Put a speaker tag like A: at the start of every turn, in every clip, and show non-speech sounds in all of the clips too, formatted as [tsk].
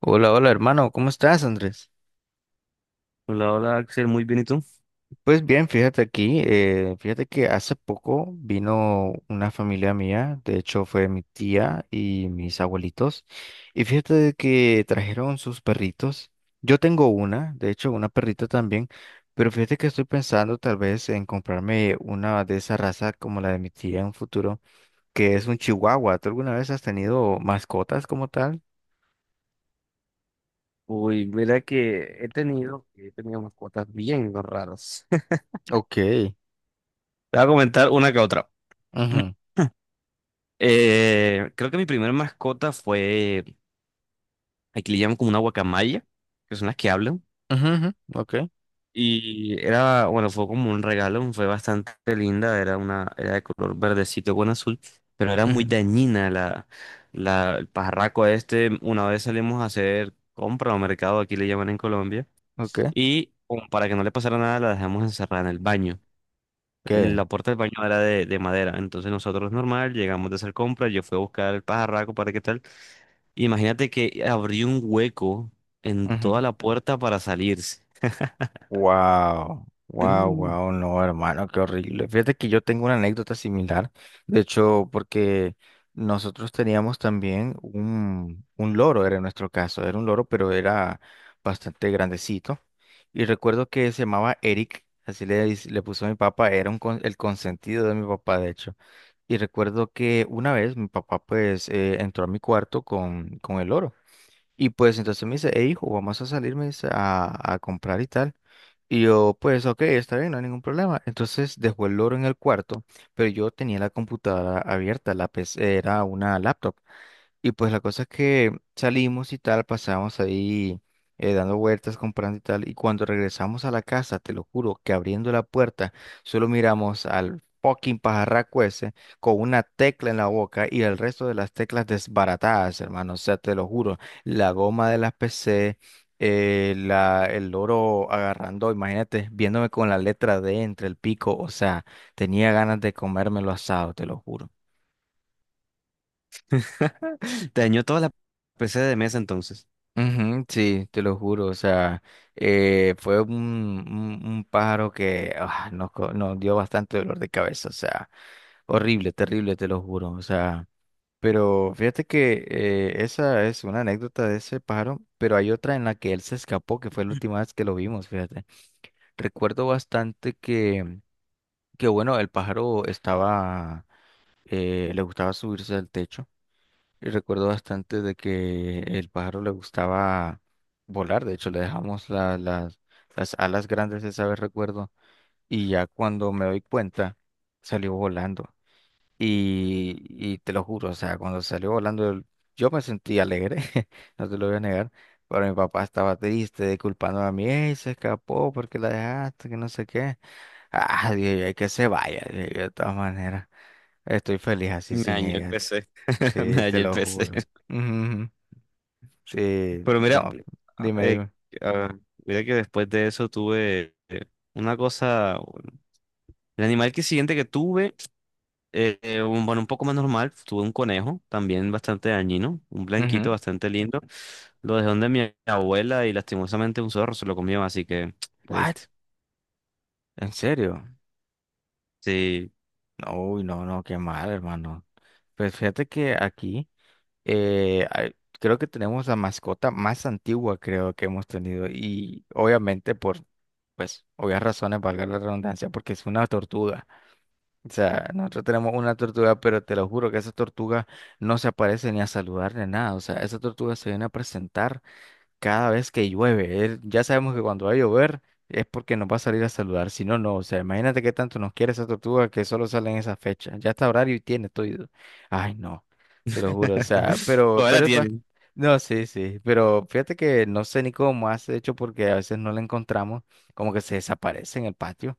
A: Hola, hola hermano, ¿cómo estás, Andrés?
B: Hola, hola Axel, muy bien, ¿y tú?
A: Pues bien, fíjate aquí, fíjate que hace poco vino una familia mía, de hecho fue mi tía y mis abuelitos, y fíjate de que trajeron sus perritos. Yo tengo de hecho una perrita también, pero fíjate que estoy pensando tal vez en comprarme una de esa raza como la de mi tía en un futuro, que es un chihuahua. ¿Tú alguna vez has tenido mascotas como tal?
B: Uy, mira que he tenido mascotas bien raras. [laughs] Te
A: Ok.
B: voy a comentar una que otra.
A: Ujú,
B: [clears throat] Creo que mi primera mascota fue, aquí le llaman como una guacamaya, que son las que hablan.
A: ujú, ujú. Ok.
B: Y era, bueno, fue como un regalo, fue bastante linda, era de color verdecito con azul, pero era muy
A: Ujú.
B: dañina el pajarraco este. Una vez salimos a hacer compra o mercado, aquí le llaman en Colombia.
A: Ok.
B: Y como para que no le pasara nada, la dejamos encerrada en el baño. La
A: Ok.
B: puerta del baño era de madera, entonces nosotros normal, llegamos de hacer compras, yo fui a buscar el pajarraco para qué tal. Imagínate que abrió un hueco en toda la puerta para salirse. [clears throat]
A: Wow, wow,
B: Mm.
A: wow, no, hermano, qué horrible. Fíjate que yo tengo una anécdota similar, de hecho, porque nosotros teníamos también un loro, era en nuestro caso, era un loro, pero era bastante grandecito. Y recuerdo que se llamaba Eric, así le, le puso a mi papá, era un el consentido de mi papá, de hecho. Y recuerdo que una vez mi papá pues entró a mi cuarto con el loro. Y pues entonces me dice, hey hijo, vamos a salir, me dice, a comprar y tal. Y yo, pues, ok, está bien, no hay ningún problema. Entonces dejó el loro en el cuarto, pero yo tenía la computadora abierta, la PC, era una laptop. Y pues la cosa es que salimos y tal, pasamos ahí dando vueltas, comprando y tal. Y cuando regresamos a la casa, te lo juro, que abriendo la puerta, solo miramos al fucking pajarraco ese con una tecla en la boca y el resto de las teclas desbaratadas, hermano. O sea, te lo juro, la goma de las PC, el loro agarrando, imagínate, viéndome con la letra D entre el pico. O sea, tenía ganas de comérmelo asado, te lo juro.
B: [laughs] Dañó toda la PC de mesa entonces.
A: Ujú, sí, te lo juro, o sea, fue un pájaro que nos dio bastante dolor de cabeza, o sea, horrible, terrible, te lo juro, o sea, pero fíjate que esa es una anécdota de ese pájaro, pero hay otra en la que él se escapó, que fue la última vez que lo vimos, fíjate. Recuerdo bastante que bueno, el pájaro estaba, le gustaba subirse al techo. Y recuerdo bastante de que el pájaro le gustaba volar, de hecho le dejamos las alas grandes esa vez, recuerdo, y ya cuando me doy cuenta, salió volando. Y te lo juro, o sea, cuando salió volando, yo me sentí alegre, [laughs] no te lo voy a negar, pero mi papá estaba triste, culpando a mí, "Ey, se escapó porque la dejaste, que no sé qué. Ah, dije, yo, "Ay, que se vaya, dije yo, de todas maneras, estoy feliz así
B: Me
A: sin
B: dañó el
A: ella,
B: PC. [laughs] Me
A: sí, te
B: dañó el
A: lo
B: PC.
A: juro.
B: [laughs]
A: Ujú. Sí,
B: Pero mira,
A: no, dime,
B: eh,
A: dime.
B: ah, mira que después de eso tuve una cosa. El animal que siguiente que tuve. Bueno, un poco más normal, tuve un conejo también bastante dañino, un blanquito
A: Ujú.
B: bastante lindo. Lo dejé donde mi abuela y lastimosamente un zorro se lo comió, así que [tsk]
A: ¿What?
B: triste.
A: ¿En serio?
B: Sí.
A: No, uy, no, no, qué mal, hermano. Pues fíjate que aquí eh, hay- creo que tenemos la mascota más antigua, creo que hemos tenido. Y obviamente por, pues, obvias razones, valga la redundancia, porque es una tortuga. O sea, nosotros tenemos una tortuga, pero te lo juro que esa tortuga no se aparece ni a saludar ni nada. O sea, esa tortuga se viene a presentar cada vez que llueve. Ya sabemos que cuando va a llover es porque nos va a salir a saludar. Si no, no. O sea, imagínate qué tanto nos quiere esa tortuga que solo sale en esa fecha. Ya está horario y tiene todo. Ay, no. Te lo juro. O sea,
B: [laughs]
A: pero,
B: Todavía la
A: pero es
B: tienen.
A: no, sí, sí. Pero fíjate que no sé ni cómo hace, de hecho porque a veces no la encontramos. Como que se desaparece en el patio.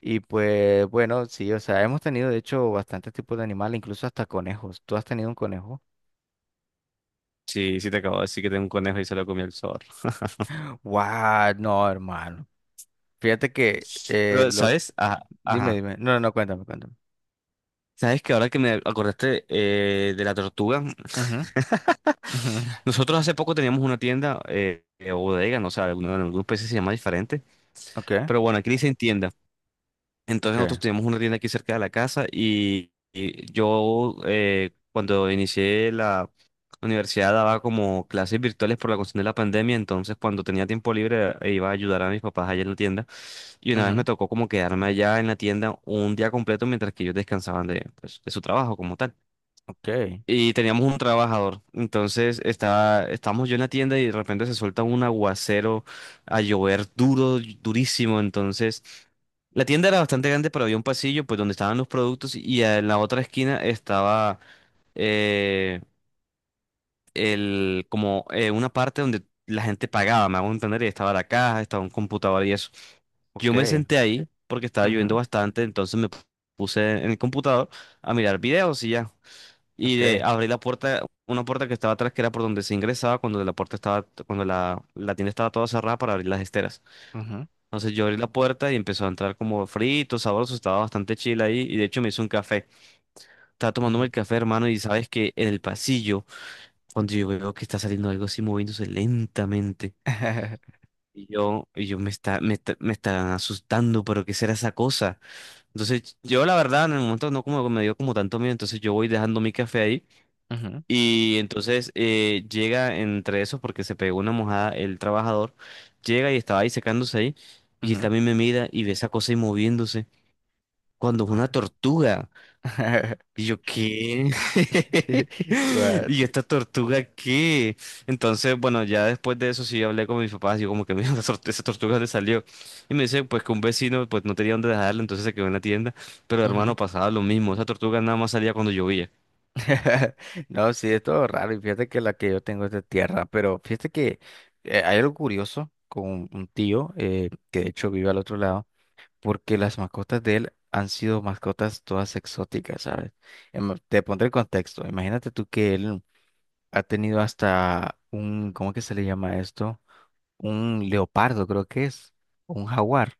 A: Y pues, bueno, sí, o sea, hemos tenido de hecho bastantes tipos de animales, incluso hasta conejos. ¿Tú has tenido un conejo?
B: Sí, sí te acabo de decir que tengo un conejo y se lo comió el zorro. [laughs]
A: Guau. No, hermano. Fíjate que
B: Pero,
A: lo
B: ¿sabes? Ajá,
A: Dime,
B: ajá.
A: dime. No, no, no, cuéntame, cuéntame.
B: ¿Sabes que ahora que me acordaste de la tortuga?
A: Ujú,
B: [laughs]
A: ujú.
B: Nosotros hace poco teníamos una tienda, bodega, no sé, en algunos países se llama diferente.
A: Ok,
B: Pero bueno, aquí le dicen tienda. Entonces
A: ok,
B: nosotros teníamos una tienda aquí cerca de la casa, y yo cuando inicié la universidad daba como clases virtuales por la cuestión de la pandemia, entonces cuando tenía tiempo libre iba a ayudar a mis papás allá en la tienda, y una vez me
A: ujú,
B: tocó como quedarme allá en la tienda un día completo mientras que ellos descansaban de, pues, de su trabajo como tal,
A: ok,
B: y teníamos un trabajador. Estábamos yo en la tienda y de repente se suelta un aguacero a llover duro, durísimo. Entonces la tienda era bastante grande, pero había un pasillo pues donde estaban los productos, y en la otra esquina estaba eh, el, como una parte donde la gente pagaba, me hago entender, y estaba la caja, estaba un computador y eso. Yo
A: ok,
B: me senté ahí porque estaba lloviendo
A: ujú,
B: bastante, entonces me puse en el computador a mirar videos y ya, y
A: ok,
B: de abrir la puerta, una puerta que estaba atrás, que era por donde se ingresaba cuando la puerta estaba, cuando la tienda estaba toda cerrada para abrir las esteras.
A: ujú,
B: Entonces yo abrí la puerta y empezó a entrar como frito, sabroso, estaba bastante chila ahí, y de hecho me hizo un café. Estaba tomándome el
A: ujú,
B: café, hermano, y sabes que en el pasillo, cuando yo veo que está saliendo algo así moviéndose lentamente. Y yo me está asustando, pero ¿qué será esa cosa? Entonces, yo la verdad, en el momento no como me dio como tanto miedo, entonces yo voy dejando mi café ahí.
A: [laughs] ujú,
B: Y entonces llega entre esos, porque se pegó una mojada el trabajador, llega y estaba ahí secándose ahí, y él
A: ujú.
B: también me mira y ve esa cosa ahí moviéndose, cuando es una
A: Guau.
B: tortuga. Y yo, ¿qué?
A: [laughs]
B: [laughs]
A: Guau.
B: ¿Y yo, esta tortuga qué? Entonces, bueno, ya después de eso sí hablé con mis papás, yo como que mira, esa tortuga le salió. Y me dice, pues que un vecino pues no tenía dónde dejarla, entonces se quedó en la tienda, pero
A: Ujú.
B: hermano, pasaba lo mismo, esa tortuga nada más salía cuando llovía.
A: [laughs] No, sí, es todo raro. Y fíjate que la que yo tengo es de tierra, pero fíjate que hay algo curioso con un tío que de hecho vive al otro lado, porque las mascotas de él han sido mascotas todas exóticas, ¿sabes? Te pondré el contexto. Imagínate tú que él ha tenido hasta un, ¿cómo que se le llama esto? Un leopardo, creo que es, o un jaguar.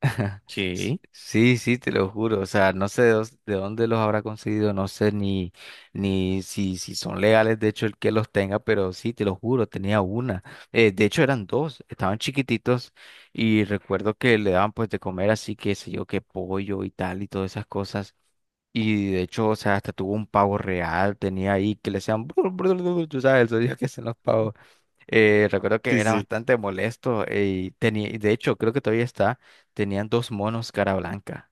A: [laughs]
B: ¿Qué?
A: Sí, sí, te lo juro. O sea, no sé de dónde los habrá conseguido, no sé ni, si son legales, de hecho, el que los tenga, pero sí, te lo juro, tenía una. De hecho, eran dos, estaban chiquititos y recuerdo que le daban pues de comer así, qué sé yo, que pollo y tal y todas esas cosas. Y de hecho, o sea, hasta tuvo un pavo real, tenía ahí que le hacían, brr, brr, brr, tú sabes, el sonido que hacen los pavos. Recuerdo que
B: Sí,
A: era
B: sí.
A: bastante molesto y tenía, y de hecho, creo que todavía está, tenían dos monos cara blanca.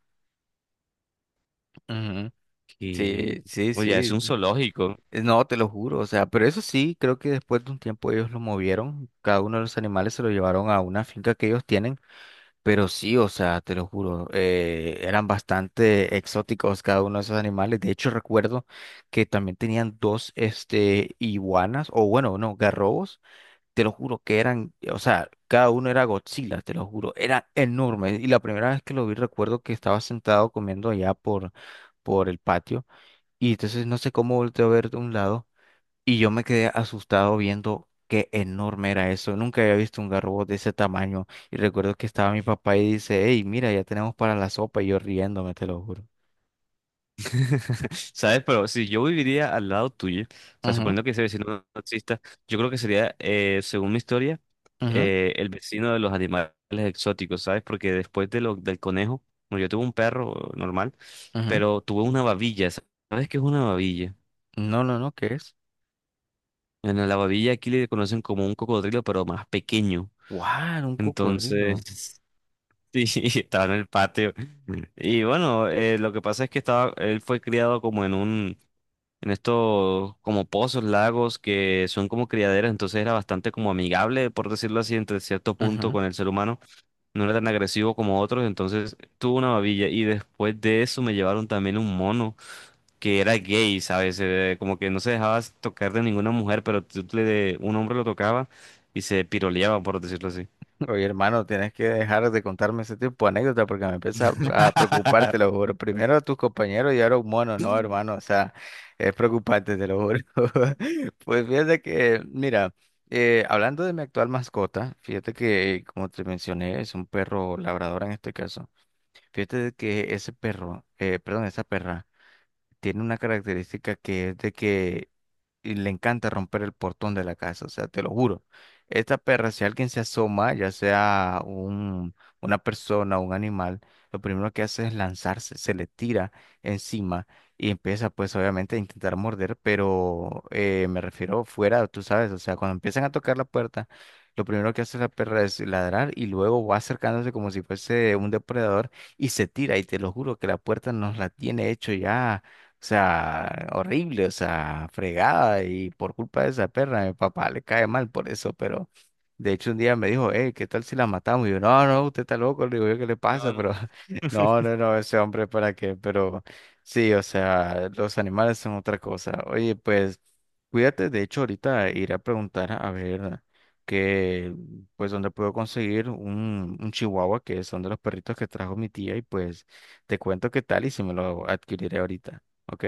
A: Ujú.
B: Y,
A: Sí, sí,
B: oye, es un
A: sí.
B: zoológico,
A: No, te lo juro, o sea, pero eso sí, creo que después de un tiempo ellos lo movieron, cada uno de los animales se lo llevaron a una finca que ellos tienen. Pero sí, o sea, te lo juro, eran bastante exóticos cada uno de esos animales. De hecho, recuerdo que también tenían dos, este, iguanas, o bueno, no, garrobos. Te lo juro que eran, o sea, cada uno era Godzilla, te lo juro, era enorme. Y la primera vez que lo vi, recuerdo que estaba sentado comiendo allá por el patio. Y entonces no sé cómo volteé a ver de un lado. Y yo me quedé asustado viendo qué enorme era eso. Nunca había visto un garrobo de ese tamaño. Y recuerdo que estaba mi papá y dice, hey, mira, ya tenemos para la sopa. Y yo riéndome, te lo juro.
B: [laughs] ¿sabes? Pero si yo viviría al lado tuyo, o sea,
A: Ujú,
B: suponiendo que ese vecino no exista, yo creo que sería, según mi historia,
A: ujú,
B: el vecino de los animales exóticos, ¿sabes? Porque después de lo, del conejo, bueno, yo tuve un perro normal,
A: ujú.
B: pero tuve una babilla, ¿sabes qué es una babilla?
A: No, no, no, ¿qué es?
B: Bueno, la babilla aquí le conocen como un cocodrilo, pero más pequeño.
A: ¡Wow! Un cocodrilo.
B: Entonces, [laughs] sí, [laughs] estaba en el patio. Y bueno, lo que pasa es que estaba, él fue criado como en en estos como pozos, lagos, que son como criaderas, entonces era bastante como amigable, por decirlo así, entre cierto punto con el ser humano. No era tan agresivo como otros, entonces tuvo una babilla. Y después de eso me llevaron también un mono que era gay, ¿sabes? Como que no se dejaba tocar de ninguna mujer, pero un hombre lo tocaba y se piroleaba, por decirlo así.
A: Oye, hermano, tienes que dejar de contarme ese tipo de anécdota porque me empieza a preocupar, te lo
B: [laughs]
A: juro. Primero a tus compañeros y ahora a un mono, no, hermano, o sea, es preocupante, te lo juro. [laughs] Pues fíjate que, mira, hablando de mi actual mascota, fíjate que, como te mencioné, es un perro labrador en este caso. Fíjate de que ese perro, perdón, esa perra, tiene una característica que es de que y le encanta romper el portón de la casa, o sea, te lo juro. Esta perra, si alguien se asoma, ya sea una persona o un animal, lo primero que hace es lanzarse, se le tira encima y empieza pues obviamente a intentar morder, pero me refiero fuera, tú sabes, o sea, cuando empiezan a tocar la puerta, lo primero que hace la perra es ladrar y luego va acercándose como si fuese un depredador y se tira y te lo juro que la puerta nos la tiene hecho ya o sea, horrible, o sea, fregada y por culpa de esa perra, mi papá le cae mal por eso, pero de hecho un día me dijo, hey, ¿qué tal si la matamos? Y yo, no, no, usted está loco, le digo yo, ¿qué le pasa?
B: No,
A: Pero [laughs] no, no, no, ese hombre, ¿para qué? Pero sí, o sea, los animales son otra cosa. Oye, pues cuídate, de hecho ahorita iré a preguntar a ver que, pues, dónde puedo conseguir un chihuahua, que son de los perritos que trajo mi tía, y pues te cuento qué tal y si me lo adquiriré ahorita. Ok,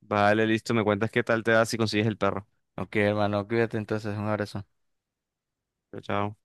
B: vale, listo. Me cuentas qué tal te da si consigues el perro.
A: ok, hermano, cuídate entonces, un abrazo.
B: Chao, chao.